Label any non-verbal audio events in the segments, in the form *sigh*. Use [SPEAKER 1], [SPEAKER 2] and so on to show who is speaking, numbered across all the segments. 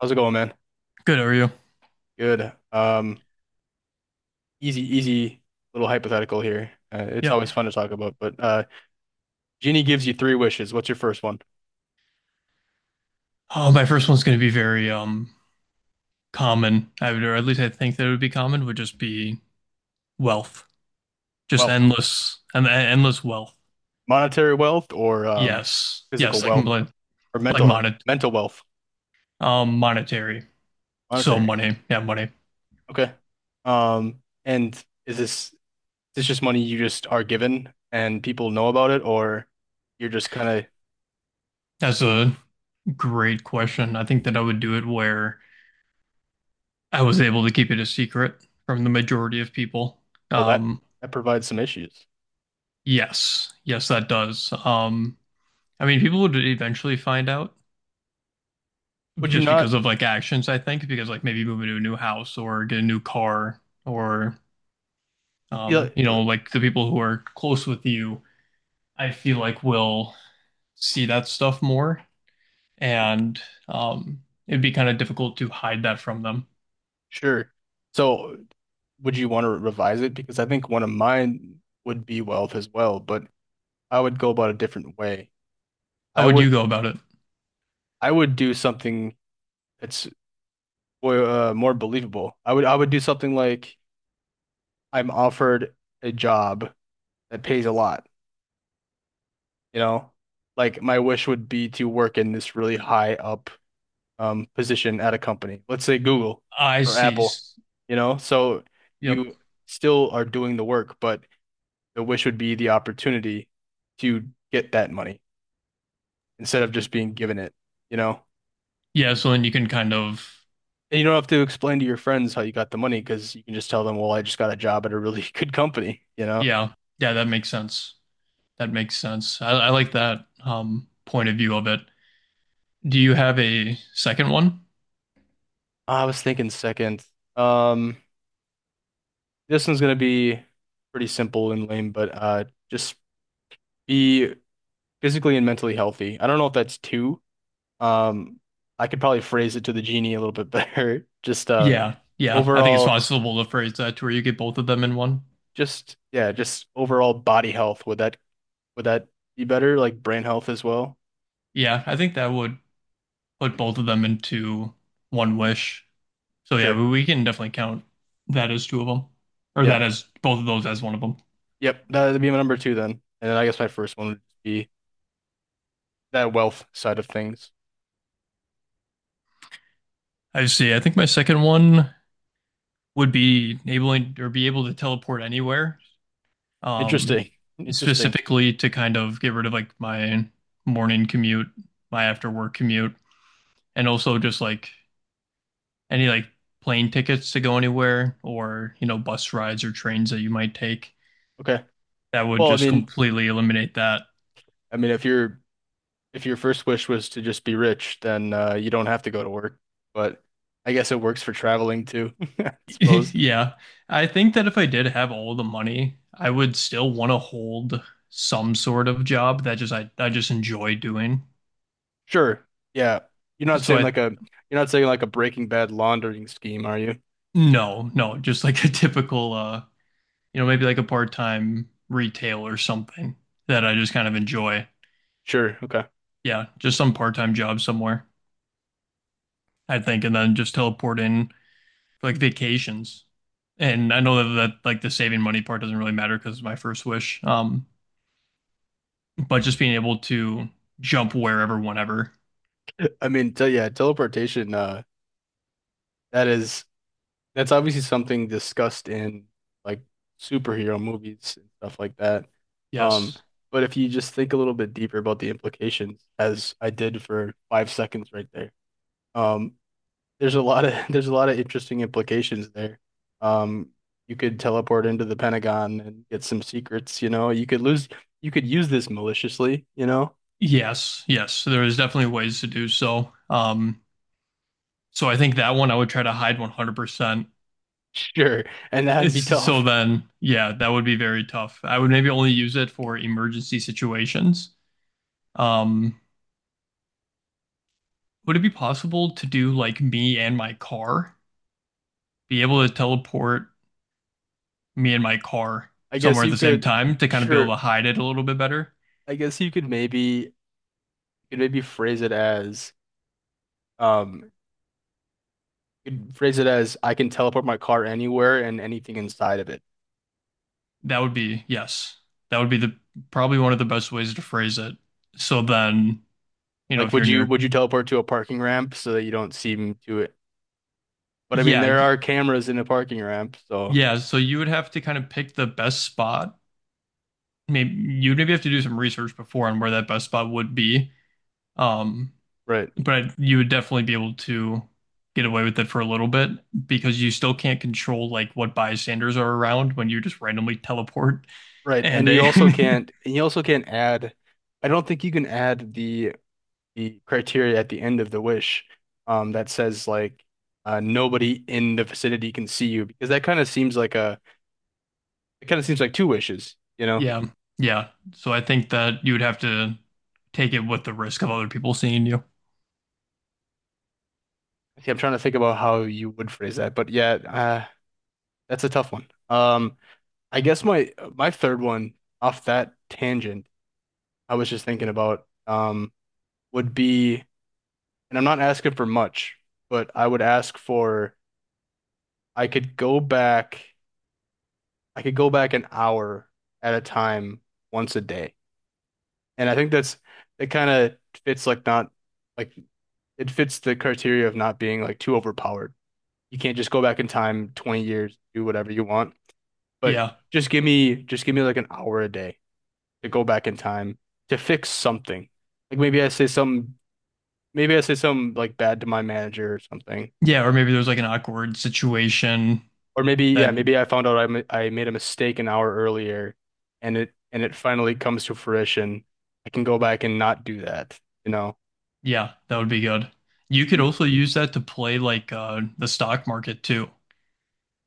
[SPEAKER 1] How's it going, man?
[SPEAKER 2] Good. How are you?
[SPEAKER 1] Good. Easy, little hypothetical here. It's
[SPEAKER 2] Yeah.
[SPEAKER 1] always fun to talk about, but Genie gives you three wishes. What's your first one?
[SPEAKER 2] Oh, my first one's going to be very common. I would, or at least I think that it would be common. Would just be wealth, just
[SPEAKER 1] Well,
[SPEAKER 2] endless and endless wealth.
[SPEAKER 1] monetary wealth, or
[SPEAKER 2] Yes.
[SPEAKER 1] physical
[SPEAKER 2] Yes. Like
[SPEAKER 1] wealth,
[SPEAKER 2] like
[SPEAKER 1] or
[SPEAKER 2] like
[SPEAKER 1] mental wealth,
[SPEAKER 2] monetary. So
[SPEAKER 1] monetary.
[SPEAKER 2] money. Yeah, money.
[SPEAKER 1] Okay. Um, and is this just money you just are given and people know about it, or you're just kind of,
[SPEAKER 2] That's a great question. I think that I would do it where I was able to keep it a secret from the majority of people.
[SPEAKER 1] well, that
[SPEAKER 2] Um.
[SPEAKER 1] that provides some issues?
[SPEAKER 2] Yes. Yes, that does. I mean, people would eventually find out.
[SPEAKER 1] Would you
[SPEAKER 2] Just because
[SPEAKER 1] not?
[SPEAKER 2] of like actions, I think, because like maybe moving to a new house or get a new car or
[SPEAKER 1] Yeah.
[SPEAKER 2] like the people who are close with you, I feel like will see that stuff more and it'd be kind of difficult to hide that from them.
[SPEAKER 1] Sure. So, would you want to revise it? Because I think one of mine would be wealth as well, but I would go about a different way.
[SPEAKER 2] How
[SPEAKER 1] I
[SPEAKER 2] would
[SPEAKER 1] would
[SPEAKER 2] you go about it?
[SPEAKER 1] I would do something that's, well, more believable. I would do something like I'm offered a job that pays a lot, you know? Like my wish would be to work in this really high up position at a company. Let's say Google
[SPEAKER 2] I
[SPEAKER 1] or
[SPEAKER 2] see.
[SPEAKER 1] Apple, you know? So
[SPEAKER 2] Yep.
[SPEAKER 1] you still are doing the work, but the wish would be the opportunity to get that money instead of just being given it, you know?
[SPEAKER 2] Yeah, so then you can kind of.
[SPEAKER 1] And you don't have to explain to your friends how you got the money, because you can just tell them, well, I just got a job at a really *laughs* good company, you know?
[SPEAKER 2] Yeah, yeah, that makes sense. That makes sense. I like that point of view of it. Do you have a second one?
[SPEAKER 1] Ah, I was thinking second. Um, this one's gonna be pretty simple and lame, but just be physically and mentally healthy. I don't know if that's two. Um, I could probably phrase it to the genie a little bit better. *laughs* Just
[SPEAKER 2] Yeah, yeah. I think it's
[SPEAKER 1] overall,
[SPEAKER 2] possible to phrase that to where you get both of them in one.
[SPEAKER 1] just, yeah, just overall body health. Would that be better? Like brain health as well?
[SPEAKER 2] Yeah, I think that would put both of them into one wish. So yeah,
[SPEAKER 1] Sure.
[SPEAKER 2] we can definitely count that as two of them, or that
[SPEAKER 1] Yeah.
[SPEAKER 2] as both of those as one of them.
[SPEAKER 1] Yep. That'd be my number two then. And then I guess my first one would be that wealth side of things.
[SPEAKER 2] I see. I think my second one would be enabling or be able to teleport anywhere. Um,
[SPEAKER 1] Interesting. Interesting.
[SPEAKER 2] specifically to kind of get rid of like my morning commute, my after work commute, and also just like any like plane tickets to go anywhere or, you know, bus rides or trains that you might take?
[SPEAKER 1] Okay.
[SPEAKER 2] That would
[SPEAKER 1] Well, I
[SPEAKER 2] just
[SPEAKER 1] mean,
[SPEAKER 2] completely eliminate that.
[SPEAKER 1] if your first wish was to just be rich, then you don't have to go to work. But I guess it works for traveling too, *laughs* I
[SPEAKER 2] *laughs*
[SPEAKER 1] suppose.
[SPEAKER 2] Yeah. I think that if I did have all the money, I would still want to hold some sort of job that just I just enjoy doing.
[SPEAKER 1] Sure. Yeah. You're not
[SPEAKER 2] So
[SPEAKER 1] saying
[SPEAKER 2] I
[SPEAKER 1] like a you're not saying like a Breaking Bad laundering scheme, are you?
[SPEAKER 2] no, no, just like a typical maybe like a part-time retail or something that I just kind of enjoy.
[SPEAKER 1] Sure. Okay.
[SPEAKER 2] Yeah, just some part-time job somewhere, I think, and then just teleport in like vacations. And I know that like the saving money part doesn't really matter because it's my first wish. But just being able to jump wherever, whenever.
[SPEAKER 1] I mean, te yeah, teleportation, that is That's obviously something discussed in, like, superhero movies and stuff like that. Um,
[SPEAKER 2] Yes.
[SPEAKER 1] but if you just think a little bit deeper about the implications, as I did for 5 seconds right there, um, there's a lot of *laughs* there's a lot of interesting implications there. Um, you could teleport into the Pentagon and get some secrets, you know. You could use this maliciously, you know. *laughs*
[SPEAKER 2] Yes. Yes. So there is definitely ways to do so. So I think that one I would try to hide 100%.
[SPEAKER 1] Sure, and that'd
[SPEAKER 2] It's,
[SPEAKER 1] be
[SPEAKER 2] so
[SPEAKER 1] tough.
[SPEAKER 2] then, yeah, that would be very tough. I would maybe only use it for emergency situations. Um, would it be possible to do like me and my car? Be able to teleport me and my car
[SPEAKER 1] I guess
[SPEAKER 2] somewhere at
[SPEAKER 1] you
[SPEAKER 2] the same
[SPEAKER 1] could,
[SPEAKER 2] time to kind of be able to
[SPEAKER 1] sure.
[SPEAKER 2] hide it a little bit better.
[SPEAKER 1] I guess you could maybe phrase it as Um, you'd phrase it as I can teleport my car anywhere and anything inside of it.
[SPEAKER 2] That would be, yes, that would be the probably one of the best ways to phrase it. So then,
[SPEAKER 1] Like,
[SPEAKER 2] if you're
[SPEAKER 1] would you
[SPEAKER 2] near,
[SPEAKER 1] would you teleport to a parking ramp so that you don't seem to it? But I mean,
[SPEAKER 2] yeah,
[SPEAKER 1] there are cameras in a parking ramp, so
[SPEAKER 2] yeah, so you would have to kind of pick the best spot. Maybe you'd maybe have to do some research before on where that best spot would be. Um,
[SPEAKER 1] right,
[SPEAKER 2] but you would definitely be able to get away with it for a little bit because you still can't control like what bystanders are around when you just randomly teleport.
[SPEAKER 1] right.
[SPEAKER 2] And
[SPEAKER 1] And you
[SPEAKER 2] a
[SPEAKER 1] also can't
[SPEAKER 2] *laughs*
[SPEAKER 1] and you also can't add. I don't think you can add the criteria at the end of the wish, that says like, nobody in the vicinity can see you, because that kind of seems like a it kind of seems like two wishes, you know.
[SPEAKER 2] Yeah. Yeah. So I think that you would have to take it with the risk of other people seeing you.
[SPEAKER 1] See, I'm trying to think about how you would phrase that, but yeah. That's a tough one. I guess my third one, off that tangent I was just thinking about, would be, and I'm not asking for much, but I would ask for I could go back I could go back an hour at a time once a day. And I think that's it kind of fits, like, not like it fits the criteria of not being, like, too overpowered. You can't just go back in time 20 years, do whatever you want, but
[SPEAKER 2] Yeah.
[SPEAKER 1] just give me like an hour a day to go back in time to fix something. Like, maybe I say something, like, bad to my manager or something,
[SPEAKER 2] Yeah. Or maybe there's like an awkward situation
[SPEAKER 1] or maybe, yeah,
[SPEAKER 2] that,
[SPEAKER 1] maybe I found out I made a mistake an hour earlier, and it finally comes to fruition. I can go back and not do that, you know.
[SPEAKER 2] yeah, that would be good. You could
[SPEAKER 1] And,
[SPEAKER 2] also use that to play like the stock market too.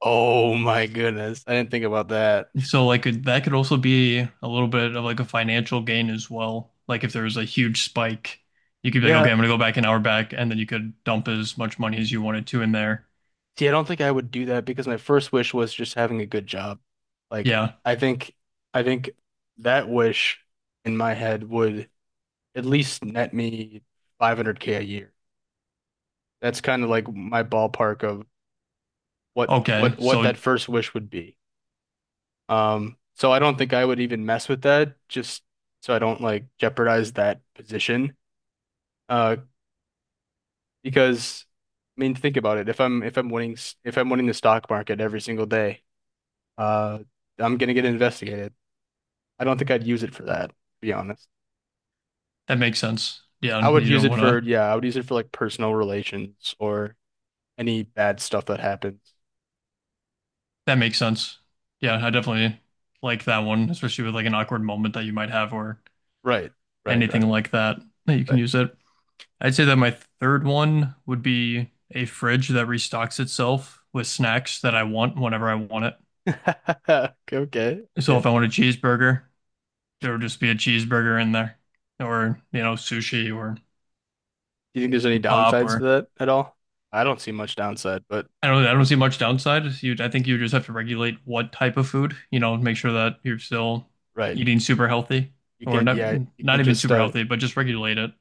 [SPEAKER 1] oh my goodness, I didn't think about that.
[SPEAKER 2] So like that could also be a little bit of like a financial gain as well. Like if there's a huge spike, you could be like,
[SPEAKER 1] Yeah,
[SPEAKER 2] okay, I'm gonna go back an hour back, and then you could dump as much money as you wanted to in there.
[SPEAKER 1] see, I don't think I would do that, because my first wish was just having a good job. Like,
[SPEAKER 2] Yeah.
[SPEAKER 1] I think I think that wish, in my head, would at least net me 500K a year. That's kind of like my ballpark of what
[SPEAKER 2] Okay.
[SPEAKER 1] what what
[SPEAKER 2] So
[SPEAKER 1] that first wish would be. So I don't think I would even mess with that, just so I don't, like, jeopardize that position. Uh, because, I mean, think about it. If I'm winning s- if I'm winning the stock market every single day, uh, I'm gonna get investigated. I don't think I'd use it for that, to be honest.
[SPEAKER 2] that makes sense. Yeah.
[SPEAKER 1] I would
[SPEAKER 2] You
[SPEAKER 1] use
[SPEAKER 2] don't
[SPEAKER 1] it
[SPEAKER 2] want to.
[SPEAKER 1] for, yeah, I would use it for, like, personal relations or any bad stuff that happens.
[SPEAKER 2] That makes sense. Yeah, I definitely like that one, especially with like an awkward moment that you might have or
[SPEAKER 1] Right, right,
[SPEAKER 2] anything
[SPEAKER 1] right, right,
[SPEAKER 2] like that that you can use it. I'd say that my third one would be a fridge that restocks itself with snacks that I want whenever I want it.
[SPEAKER 1] right. *laughs* Okay, okay,
[SPEAKER 2] So
[SPEAKER 1] okay.
[SPEAKER 2] if I want a cheeseburger, there would just be a cheeseburger in there or, sushi or
[SPEAKER 1] Do you think there's any
[SPEAKER 2] pop
[SPEAKER 1] downsides to
[SPEAKER 2] or
[SPEAKER 1] that at all? I don't see much downside, but
[SPEAKER 2] I don't see much downside. You I think you just have to regulate what type of food, make sure that you're still
[SPEAKER 1] right,
[SPEAKER 2] eating super healthy
[SPEAKER 1] you
[SPEAKER 2] or
[SPEAKER 1] can't.
[SPEAKER 2] not
[SPEAKER 1] Yeah, you
[SPEAKER 2] not
[SPEAKER 1] can't
[SPEAKER 2] even
[SPEAKER 1] just,
[SPEAKER 2] super healthy, but just regulate it.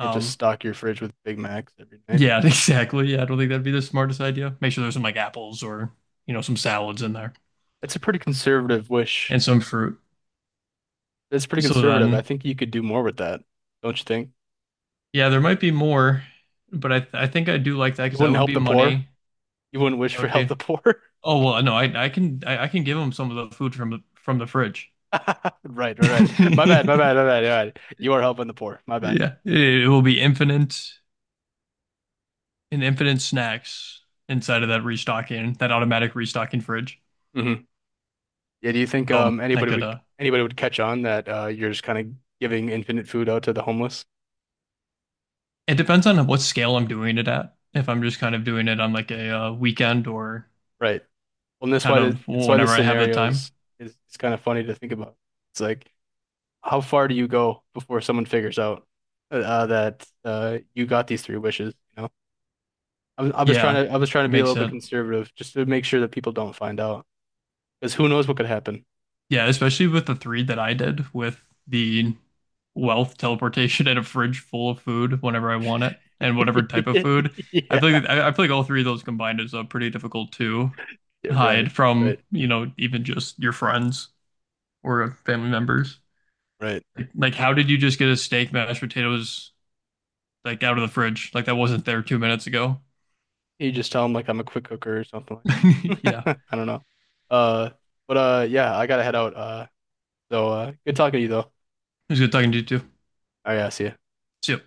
[SPEAKER 1] can't just stock your fridge with Big Macs every night.
[SPEAKER 2] yeah, *laughs* exactly. Yeah, I don't think that'd be the smartest idea. Make sure there's some like apples or, some salads in there
[SPEAKER 1] That's a pretty conservative wish.
[SPEAKER 2] and some fruit.
[SPEAKER 1] That's pretty
[SPEAKER 2] So
[SPEAKER 1] conservative. I
[SPEAKER 2] then,
[SPEAKER 1] think you could do more with that, don't you think?
[SPEAKER 2] yeah, there might be more, but I think I do like that
[SPEAKER 1] You
[SPEAKER 2] because that
[SPEAKER 1] wouldn't
[SPEAKER 2] would
[SPEAKER 1] help
[SPEAKER 2] be
[SPEAKER 1] the poor.
[SPEAKER 2] money.
[SPEAKER 1] You wouldn't wish
[SPEAKER 2] That
[SPEAKER 1] for
[SPEAKER 2] would
[SPEAKER 1] help the
[SPEAKER 2] be.
[SPEAKER 1] poor.
[SPEAKER 2] Oh well, no, I can give them some of the food from the fridge.
[SPEAKER 1] *laughs* Right, right, right. My bad, my bad,
[SPEAKER 2] *laughs*
[SPEAKER 1] my bad, my bad. You are helping the poor. My bad.
[SPEAKER 2] Yeah, it will be infinite and infinite snacks inside of that automatic restocking fridge.
[SPEAKER 1] Mhm. Yeah, do you think,
[SPEAKER 2] So I
[SPEAKER 1] anybody
[SPEAKER 2] could,
[SPEAKER 1] would anybody would catch on that, you're just kind of giving infinite food out to the homeless?
[SPEAKER 2] it depends on what scale I'm doing it at. If I'm just kind of doing it on like a weekend or
[SPEAKER 1] Right. Well, and
[SPEAKER 2] kind of
[SPEAKER 1] that's why
[SPEAKER 2] whenever
[SPEAKER 1] this
[SPEAKER 2] I have the
[SPEAKER 1] scenario
[SPEAKER 2] time,
[SPEAKER 1] is it's kind of funny to think about. It's like, how far do you go before someone figures out, that you got these three wishes, you know? I was I was
[SPEAKER 2] yeah,
[SPEAKER 1] trying to I was trying to
[SPEAKER 2] it
[SPEAKER 1] be a little
[SPEAKER 2] makes
[SPEAKER 1] bit
[SPEAKER 2] it.
[SPEAKER 1] conservative, just to make sure that people don't find out, because who knows what could happen.
[SPEAKER 2] Yeah, especially with the three that I did with the wealth teleportation *laughs* and a fridge full of food whenever I want it and whatever type of food.
[SPEAKER 1] *laughs*
[SPEAKER 2] I feel
[SPEAKER 1] Yeah.
[SPEAKER 2] like I I feel like all three of those combined is pretty difficult to
[SPEAKER 1] Yeah, right.
[SPEAKER 2] hide
[SPEAKER 1] Right.
[SPEAKER 2] from, even just your friends or family members.
[SPEAKER 1] Right.
[SPEAKER 2] Like, how did you just get a steak, mashed potatoes, like out of the fridge? Like that wasn't there 2 minutes ago.
[SPEAKER 1] You just tell them, like, I'm a quick cooker or something
[SPEAKER 2] *laughs*
[SPEAKER 1] like.
[SPEAKER 2] Yeah,
[SPEAKER 1] *laughs*
[SPEAKER 2] it
[SPEAKER 1] I don't know. Uh, but yeah, I gotta head out. So good talking to you though.
[SPEAKER 2] was good talking to you too.
[SPEAKER 1] All right, I'll see you.
[SPEAKER 2] See ya.